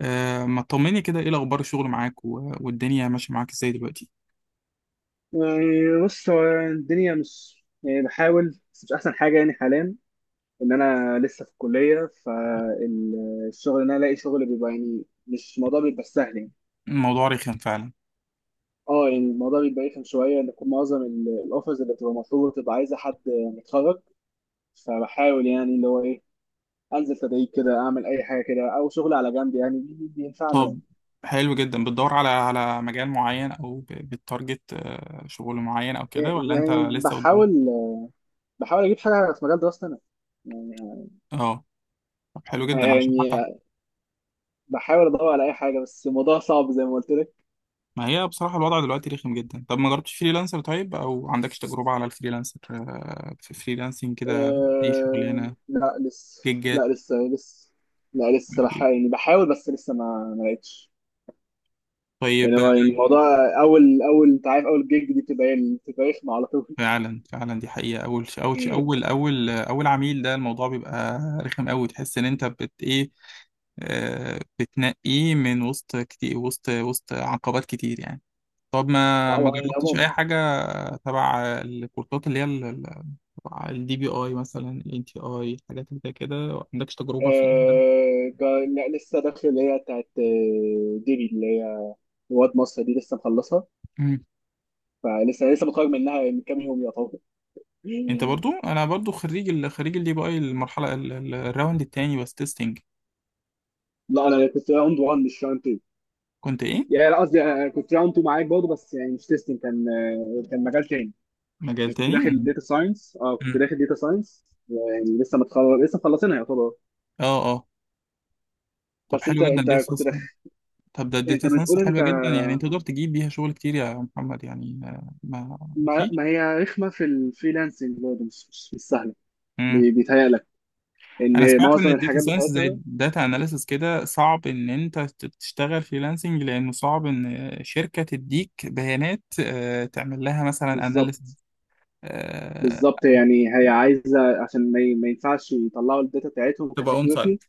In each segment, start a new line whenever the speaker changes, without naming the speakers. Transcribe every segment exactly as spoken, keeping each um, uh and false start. آه، ما تطمني كده، ايه الاخبار؟ الشغل معاك و- والدنيا ماشيه معاك ازاي دلوقتي؟
يعني بص، هو الدنيا مش، يعني بحاول بس مش احسن حاجه يعني حاليا. ان انا لسه في الكليه، فالشغل ان انا الاقي شغل بيبقى، يعني مش الموضوع بيبقى سهل يعني.
الموضوع رخم فعلا.
اه يعني الموضوع بيبقى رخم شويه، ان يكون معظم ال- الاوفرز اللي بتبقى مطلوبه بتبقى عايزه حد متخرج. فبحاول يعني اللي هو ايه، انزل تدريب كده، اعمل اي حاجه كده او شغل على جنب، يعني بي- بينفعنا أنا.
طب حلو جدا، بتدور على على مجال معين او ب- بتارجت آه، شغل معين او كده،
يعني
ولا انت
يعني
لسه بتدور؟
بحاول، بحاول اجيب حاجه في مجال دراستي انا.
اه. طب حلو جدا عشان
يعني
حتى
يعني بحاول ادور على اي حاجه، بس الموضوع صعب زي ما قلت لك.
ما هي بصراحه الوضع دلوقتي رخم جدا. طب ما جربتش فريلانسر طيب، او عندكش تجربه على الفريلانسر، آه، في فريلانسنج كده؟ اي
أه...
شغلانه،
لا لسه.
جيجات.
لا لسه لسه. لا
ما
لسه بح...
في.
يعني بحاول، بس لسه ما ما لقيتش. يعني
طيب.
هو الموضوع، اول اول انت عارف، اول جيج دي بتبقى ايه، بتبقى رخمه على طول.
فعلا فعلا، دي حقيقة. أول ش- أول ش- أول أول أول عميل ده، الموضوع بيبقى رخم أوي، تحس إن أنت بت إيه. آه، بتنقيه من وسط كتير، وسط وسط عقبات كتير يعني. طب
لا،
ما ما
هو يعني
جربتش
عموما
أي حاجة تبع الكورسات اللي هي، ال- ال- تبع الدي بي أي، مثلا ال إن تي آي، الحاجات اللي زي كده، ما عندكش تجربة فيها؟
أه... جا- لا لسه داخل اللي هي بتاعت آه، ديبي، اللي هي رواد مصر دي لسه مخلصها.
مم.
فلسه لسه متخرج منها من كام يوم يعتبر.
أنت برضو، أنا برضو خريج ال خريج الدي بي أي، المرحلة ال- ال- الراوند التاني، بس تيستنج.
لا انا كنت راوند ون مش راوند.
كنت إيه؟
يعني لا قصدي، آه، كنت راوند اتنين معاك برضه، بس يعني مش تيستنج، كان آه، كان مجال تاني.
مجال
يعني كنت
تاني.
داخل
مم.
داتا ساينس. اه كنت
مم.
داخل داتا ساينس، يعني لسه متخرج، لسه مخلصينها يعتبر.
اه اه. طب
بس انت
حلو جدا،
انت
دي
كنت
صح.
داخل.
طب ده
انت
الداتا ساينس
بتقول انت.
حلوة جدا، يعني انت تقدر تجيب بيها شغل كتير يا محمد، يعني آه، ما
ما,
فيش.
ما هي رخمه في الفريلانسنج برضه، مش مش مش سهله.
مم.
بي- بيتهيألك
انا
ان
سمعت ان
معظم
الداتا
الحاجات
ساينس زي
بتاعتها
الداتا اناليسس كده، صعب ان انت ت- تشتغل فريلانسنج، لانه صعب ان شركة تديك بيانات آه، تعمل لها مثلا اناليسس.
بالظبط. بالظبط يعني هي عايزه، عشان ما ي- ما ينفعش يطلعوا الداتا بتاعتهم
تبقى اون
كسكيورتي.
سايت.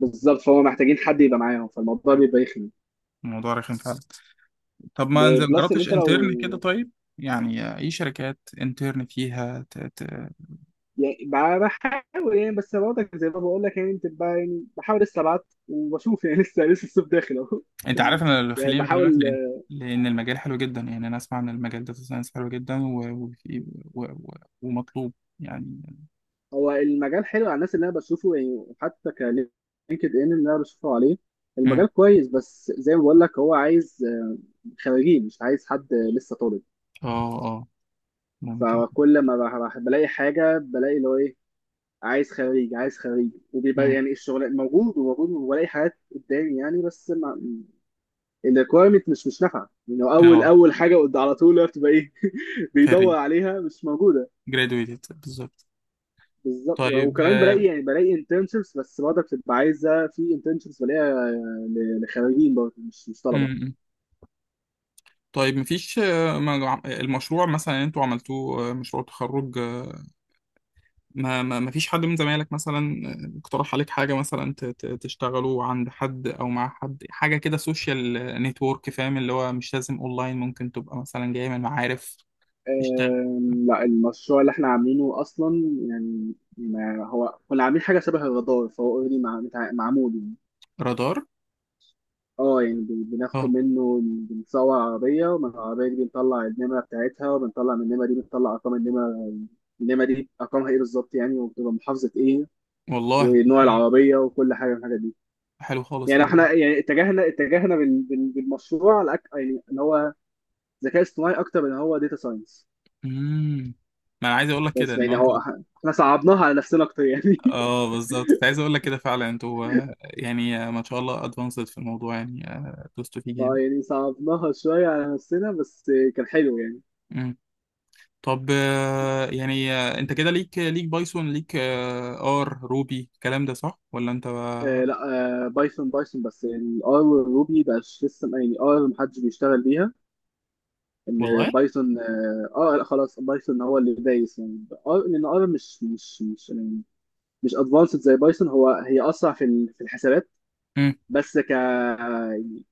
بالظبط، فهو محتاجين حد يبقى معاهم، فالموضوع بيبقى يخنق.
الموضوع رخم فعلا. طب ما انزل-
ب-
ما
بلس ان
جربتش
انت
انترن كده
لو،
طيب؟ يعني آه، اي شركات انترن فيها؟
يعني ب- بحاول يعني، بس برضك زي ما بقول لك، يعني بتبقى، يعني بحاول لسه ابعت وبشوف يعني. لسه لسه الصيف داخل اهو.
انت عارف انا اللي
يعني
خليني بكلمك
بحاول.
ليه؟ لان المجال حلو جدا، يعني انا اسمع ان المجال داتا ساينس حلو جدا و... وفي- و... و... ومطلوب يعني.
هو المجال حلو على الناس اللي انا بشوفه، يعني حتى كلينكد ان اللي انا بشوفه عليه
مم.
المجال كويس، بس زي ما بقول لك هو عايز آه، خريجين، مش عايز حد لسه طالب.
اه اه. ممكن.
فكل ما بح- بح- بلاقي حاجه بلاقي اللي هو ايه، عايز خريج، عايز خريج، وبيبقى
مم.
يعني الشغل موجود وموجود، وبلاقي حاجات قدامي يعني، بس الريكويرمنت مش مش نافعه. لانه اول
اه.
اول حاجه قد على طول هو بتبقى ايه، بيدور
خريج.
عليها مش موجوده.
graduated بالظبط.
بالظبط.
طيب.
وكمان بلاقي
آه،
يعني بلاقي انترنشيبس، بس برضه بتبقى عايزه، في انترنشيبس بلاقيها ل- لخريجين برضه، مش مش طلبه.
مم. طيب مفيش، آه، ما- المشروع مثلا انتوا عملتوه، آه، مشروع تخرج، ما ما ما فيش حد من زمايلك مثلا آه، اقترح عليك حاجة، مثلا ت- ت- تشتغلوا عند حد أو مع حد، حاجة كده سوشيال نتورك؟ فاهم اللي هو مش لازم أونلاين، ممكن تبقى مثلا جاي من معارف. تشتغل.
أم، لا المشروع اللي احنا عاملينه اصلا، يعني ما هو كنا عاملين حاجه شبه الرادار، فهو اوريدي معمول.
رادار.
اه يعني بن- بناخد
اه
منه، بنصور عربية، ومن العربية دي بنطلع النمرة بتاعتها، وبنطلع من النمرة دي بنطلع أرقام النمرة. النمرة دي أرقامها إيه بالظبط يعني، وبتبقى محافظة إيه،
والله، طب
ونوع
حلو جدا.
العربية، وكل حاجة من الحاجات دي.
حلو خالص.
يعني إحنا يعني اتجهنا اتجهنا بال- بال- بالمشروع على أك- يعني إن هو ذكاء اصطناعي أكتر من هو داتا ساينس.
امم ما أنا عايز أقول لك كده
بس
إن
يعني
أنت.
هو إح- إحنا صعبناها على نفسنا أكتر يعني.
اه بالظبط، كنت عايز أقول لك كده فعلا. أنتوا آه، يعني آه، ما شاء الله أدفانسد في الموضوع، يعني آه، دوستوا فيه جامد.
بقى يعني صعبناها شوية على نفسنا، بس كان حلو يعني.
طب آه، يعني آه، انت كده ليك ليك بايثون، ليك آه، ار، روبي، الكلام ده صح ولا انت
آه
بقى؟
لا. آه بايثون. بايثون بس، الار والروبي بقاش لسه يعني. ار محدش بيشتغل بيها. ان
والله.
بايثون اه آه، لا خلاص، بايثون هو اللي دايس يعني. ار، لان ار مش مش مش يعني مش ادفانسد زي بايثون. هو هي اسرع في ال- في الحسابات،
مم.
بس ك يعني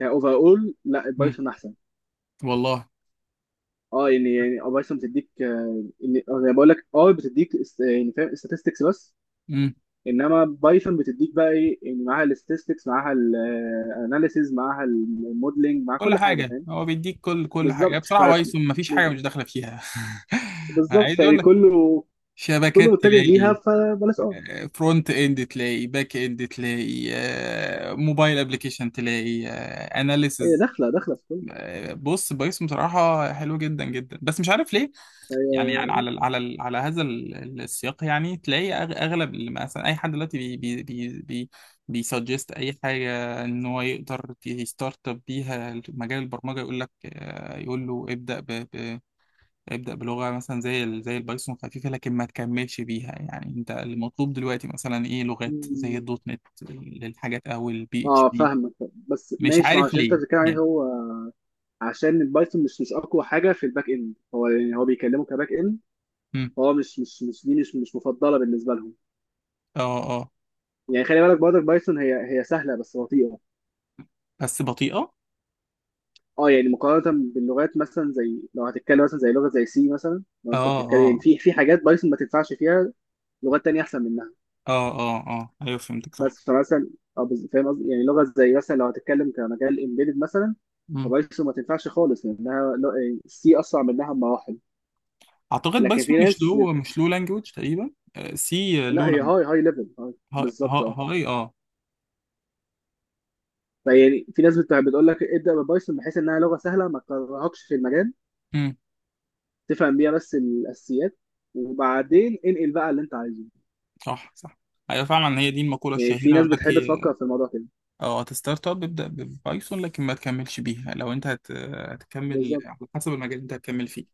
كاوفر اول لا
مم.
بايثون احسن.
والله.
اه يعني، يعني بايثون بتديك آه، يعني آه، زي ما بقول لك ار بتديك است- يعني فاهم statistics بس.
مم.
انما بايثون بتديك بقى ايه يعني، معاها الاستاتستكس، معاها الاناليسيز، معاها الموديلنج، مع
كل
كل حاجه،
حاجه
فاهم.
هو بيديك، كل كل حاجه يعني،
بالظبط ف-
بصراحه بايثون مفيش حاجه مش داخله فيها. أنا
بالظبط
عايز اقول
يعني
لك،
كله، كله
شبكات
متجه ليها،
تلاقي،
فبلاش اه.
فرونت اند تلاقي، باك اند تلاقي، آه، موبايل ابلكيشن تلاقي،
هي
اناليسز.
داخله، داخله في كله.
بص بايثون بصراحه حلو جدا جدا، بس مش عارف ليه
هي
يعني. يعني على ال- على ال- على هذا ال- ال- السياق، يعني تلاقي أغ- اغلب اللي، مثلا اي حد دلوقتي بي بي بي بي بيسجست اي حاجه، ان هو يقدر يستارت اب بيها مجال البرمجه، يقول لك، آه، يقول له ابدا ب ب ابدا بلغه مثلا زي ال- زي البايثون، خفيفه، لكن ما تكملش بيها. يعني انت المطلوب دلوقتي مثلا ايه؟ لغات زي
مم.
الدوت نت للحاجات، او البي اتش
اه
بي.
فاهمك. بس
مش
ماشي، ما
عارف
عشان انت
ليه
بتتكلم عليه
يعني.
هو، عشان البايثون مش مش اقوى حاجه في الباك اند. هو يعني هو بيكلمه كباك اند،
مم.
هو مش مش مش دي، مش مش مفضله بالنسبه لهم.
اه اه.
يعني خلي بالك برضك بايثون، هي هي سهله بس بطيئه.
بس بطيئه.
اه يعني مقارنة باللغات، مثلا زي لو هتتكلم مثلا زي لغة زي سي مثلا. لو انت
اه
بتتكلم يعني،
اه
في في حاجات بايثون ما تنفعش فيها، لغات تانية احسن منها.
اه اه اه، ايوه فهمتك
بس
صح.
فمثلا اه بز- فاهم قصدي، يعني لغة زي مثلا لو هتتكلم كمجال امبيدد مثلا، فبايثون ما تنفعش خالص، لانها سي اسرع منها بمراحل.
اعتقد
لكن
بايثون
في
مش
ناس بت...
لو مش لو لانجوج تقريبا. آه، سي
لا
لو
هي
لانجوج.
هاي هاي ليفل.
ها-
بالظبط
ها-
اه.
هاي. اه.
فيعني في ناس بت... بتقول لك ابدا ببايثون، بحيث انها لغة سهلة ما تكرهكش في المجال،
امم
تفهم بيها بس الاساسيات، وبعدين انقل بقى اللي انت عايزه.
صح صح. ايوه فعلا، هي دي المقوله
يعني في
الشهيره، يقول
ناس
لك
بتحب
إيه،
تفكر في الموضوع كده.
اه، هتستارت اب ابدا ببايثون، لكن ما تكملش بيها، لو انت هت... هتكمل
بالظبط.
على حسب المجال اللي انت هتكمل فيه.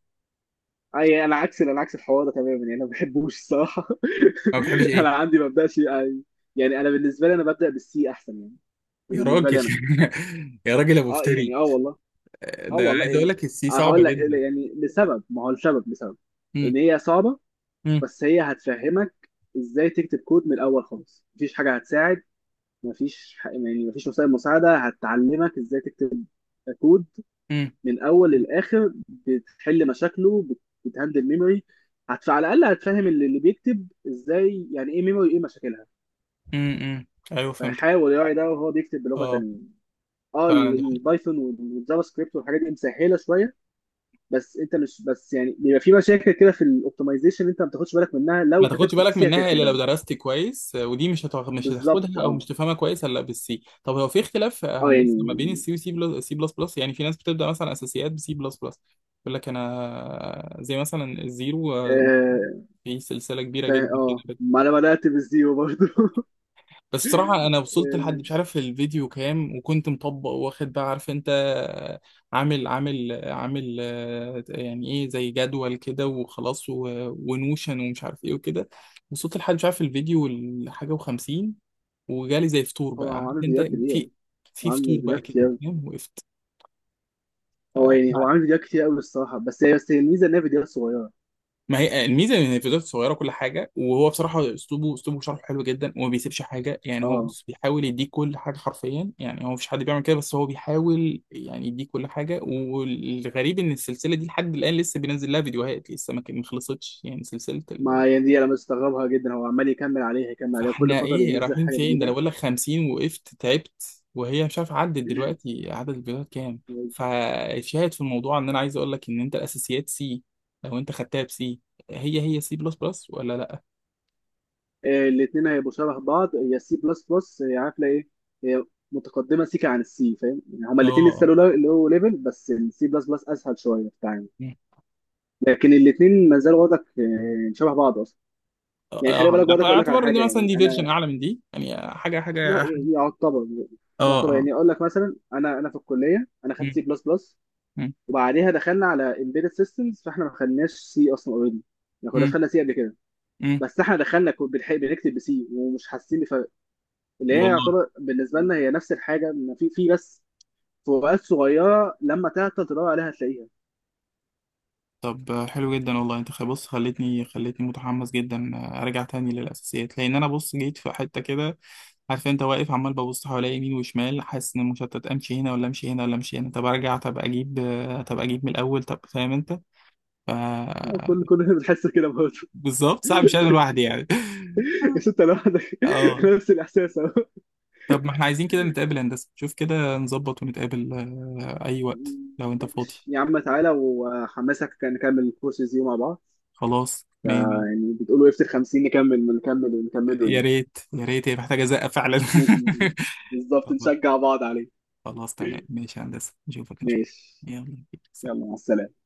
اي يعني انا عكس، انا عكس الحوار ده تماما. يعني انا ما بحبوش الصراحه.
ما بتحبش
انا
ايه؟
عندي ما ببداش يعني. يعني انا بالنسبه لي انا ببدا بالسي احسن يعني. دي
يا راجل
بالنسبه لي انا.
يا راجل يا
اه
مفتري.
يعني اه والله.
آه،
اه
ده
والله
عايز اقول
يعني،
لك السي
آه
صعبه
هقول لك
جدا.
يعني لسبب. ما هو السبب، لسبب
امم
ان هي صعبه،
امم
بس هي هتفهمك ازاي تكتب كود من الاول خالص. مفيش حاجه هتساعد، مفيش ح- يعني مفيش وسائل مساعده هتعلمك ازاي تكتب كود
امم
من اول للاخر، بتحل مشاكله، بت- بتهندل ميموري. هتف... على الاقل هتفهم اللي, اللي بيكتب ازاي، يعني ايه ميموري، ايه مشاكلها.
امم ايوه فهمت.
فيحاول يراعي ده وهو بيكتب بلغه
اه
تانيه. اه ال-
فعلا دي.
البايثون والجافا سكريبت والحاجات دي مسهله شويه، بس انت مش بس يعني بيبقى في مشاكل كده في الاوبتمايزيشن انت ما بتاخدش بالك منها، لو
ما تاخدش
كتبت في
بالك
سي
منها
هتاخد
الا لو
بالك.
درست كويس، ودي مش هتاخد مش
بالظبط
هتاخدها او
اه
مش تفهمها كويس الا بالسي. طب هو في اختلاف
اه
هندسه ما
يعني
بين السي وسي بلس سي بلس بلس، يعني في ناس بتبدا مثلا اساسيات بسي بلس بلس. يقول لك انا زي مثلا الزيرو، آه،
اه.
في سلسله كبيره
فا-
جدا
اه
كده.
ما انا بدات بالزيرو برضه.
بس بصراحة أنا وصلت لحد
يعني
مش عارف الفيديو كام، وكنت مطبق واخد بقى عارف أنت، عامل عامل عامل آه، يعني إيه، زي جدول كده وخلاص، و- ونوشن، ومش عارف إيه وكده. وصلت لحد مش عارف الفيديو الحاجة وخمسين، وجالي زي فطور
هو
بقى عارف
عامل
أنت.
فيديوهات كبيره.
في في
عامل
فطور
فيديوهات
بقى كده،
كتير.
فاهم، وقفت.
هو يعني هو عامل فيديوهات كتير قوي الصراحه، بس هي بس هي الميزه ان هي فيديوهات صغيره.
ما هي الميزه ان الفيديوهات صغيره كل حاجه، وهو بصراحه اسلوبه اسلوبه شرحه حلو جدا، وما بيسيبش حاجه يعني، هو
اه
بس بيحاول يديك كل حاجه حرفيا، يعني هو مفيش حد بيعمل كده، بس هو بيحاول يعني يديك كل حاجه. والغريب ان السلسله دي لحد الان لسه بينزل لها فيديوهات، لسه ما كان- ما خلصتش يعني، سلسله. ال...
ما يعني دي انا مستغربها جدا، هو عمال يكمل عليها، يكمل عليها، وكل
فاحنا
فتره
ايه
بينزل
رايحين
حاجه
فين؟ ده انا
جديده.
بقول لك خمسين، وقفت تعبت، وهي مش عارف عدت دلوقتي عدد الفيديوهات كام. فشاهد في الموضوع، ان انا عايز اقول لك ان انت الاساسيات سي، لو انت خدتها بسي، هي هي سي بلس بلس ولا لا؟
الاثنين هيبقوا شبه بعض. هي سي بلس بلس، عارفه ايه، هي متقدمه سيكا عن السي، فاهم يعني. هما الاثنين لسه،
اه.
لو لو ليفل، بس السي بلس بلس اسهل شويه في التعامل.
مم.
لكن الاثنين ما زالوا وضعك آه، شبه بعض اصلا. يعني
اه.
خلي بالك، وضعك اقول لك على
اعتبر
حاجه،
ان
يعني
مثلا دي فيرجن
انا،
اعلى من دي، يعني حاجه
لا.
حاجه.
يعتبر،
اه
يعتبر
اه.
يعني. اقول لك مثلا، انا انا في الكليه انا خدت
مم.
سي بلس بلس،
مم.
وبعديها دخلنا على embedded systems، فاحنا ما خدناش سي اصلا اوريدي، ما كناش
مم.
خدنا سي قبل كده.
مم.
بس احنا دخلنا كو- بنح- بنكتب بسي ومش حاسين بفرق. اللي هي
والله.
يعتبر بالنسبه لنا هي نفس الحاجه، إن في في بس فروقات صغيره، لما تعطل تدور عليها هتلاقيها.
طب آه، حلو جدا والله. انت خ- بص، خلتني خلتني متحمس جدا آه، ارجع تاني للاساسيات، لان انا، بص، جيت في حته كده، عارف انت، واقف عمال ببص حواليا يمين وشمال، حاسس ان مشتت، امشي هنا ولا امشي هنا ولا امشي هنا، طب ارجع، طب اجيب آه، طب اجيب من الاول، طب فاهم انت؟ ف
كل كلنا بنحس كده برضه.
بالظبط، صعب، مش انا لوحدي يعني.
بس انت لوحدك.
اه.
نفس الاحساس اهو.
طب ما احنا عايزين كده نتقابل يا هندسة، شوف كده نظبط ونتقابل آه، أي وقت لو أنت فاضي.
ماشي يا عم، تعالى وحمسك، كان نكمل الكورسز دي مع بعض.
خلاص، مية مية.
يعني بتقولوا افتر خمسين نكمل، نكمل ونكمله
يا
يعني.
ريت يا ريت، هي محتاجة زقة فعلا.
ماشي. بالظبط، نشجع بعض عليه.
خلاص تمام، ماشي يا هندسة، نشوفك إن شاء
ماشي.
الله. يلا،
يلا مع
سلام.
السلامة.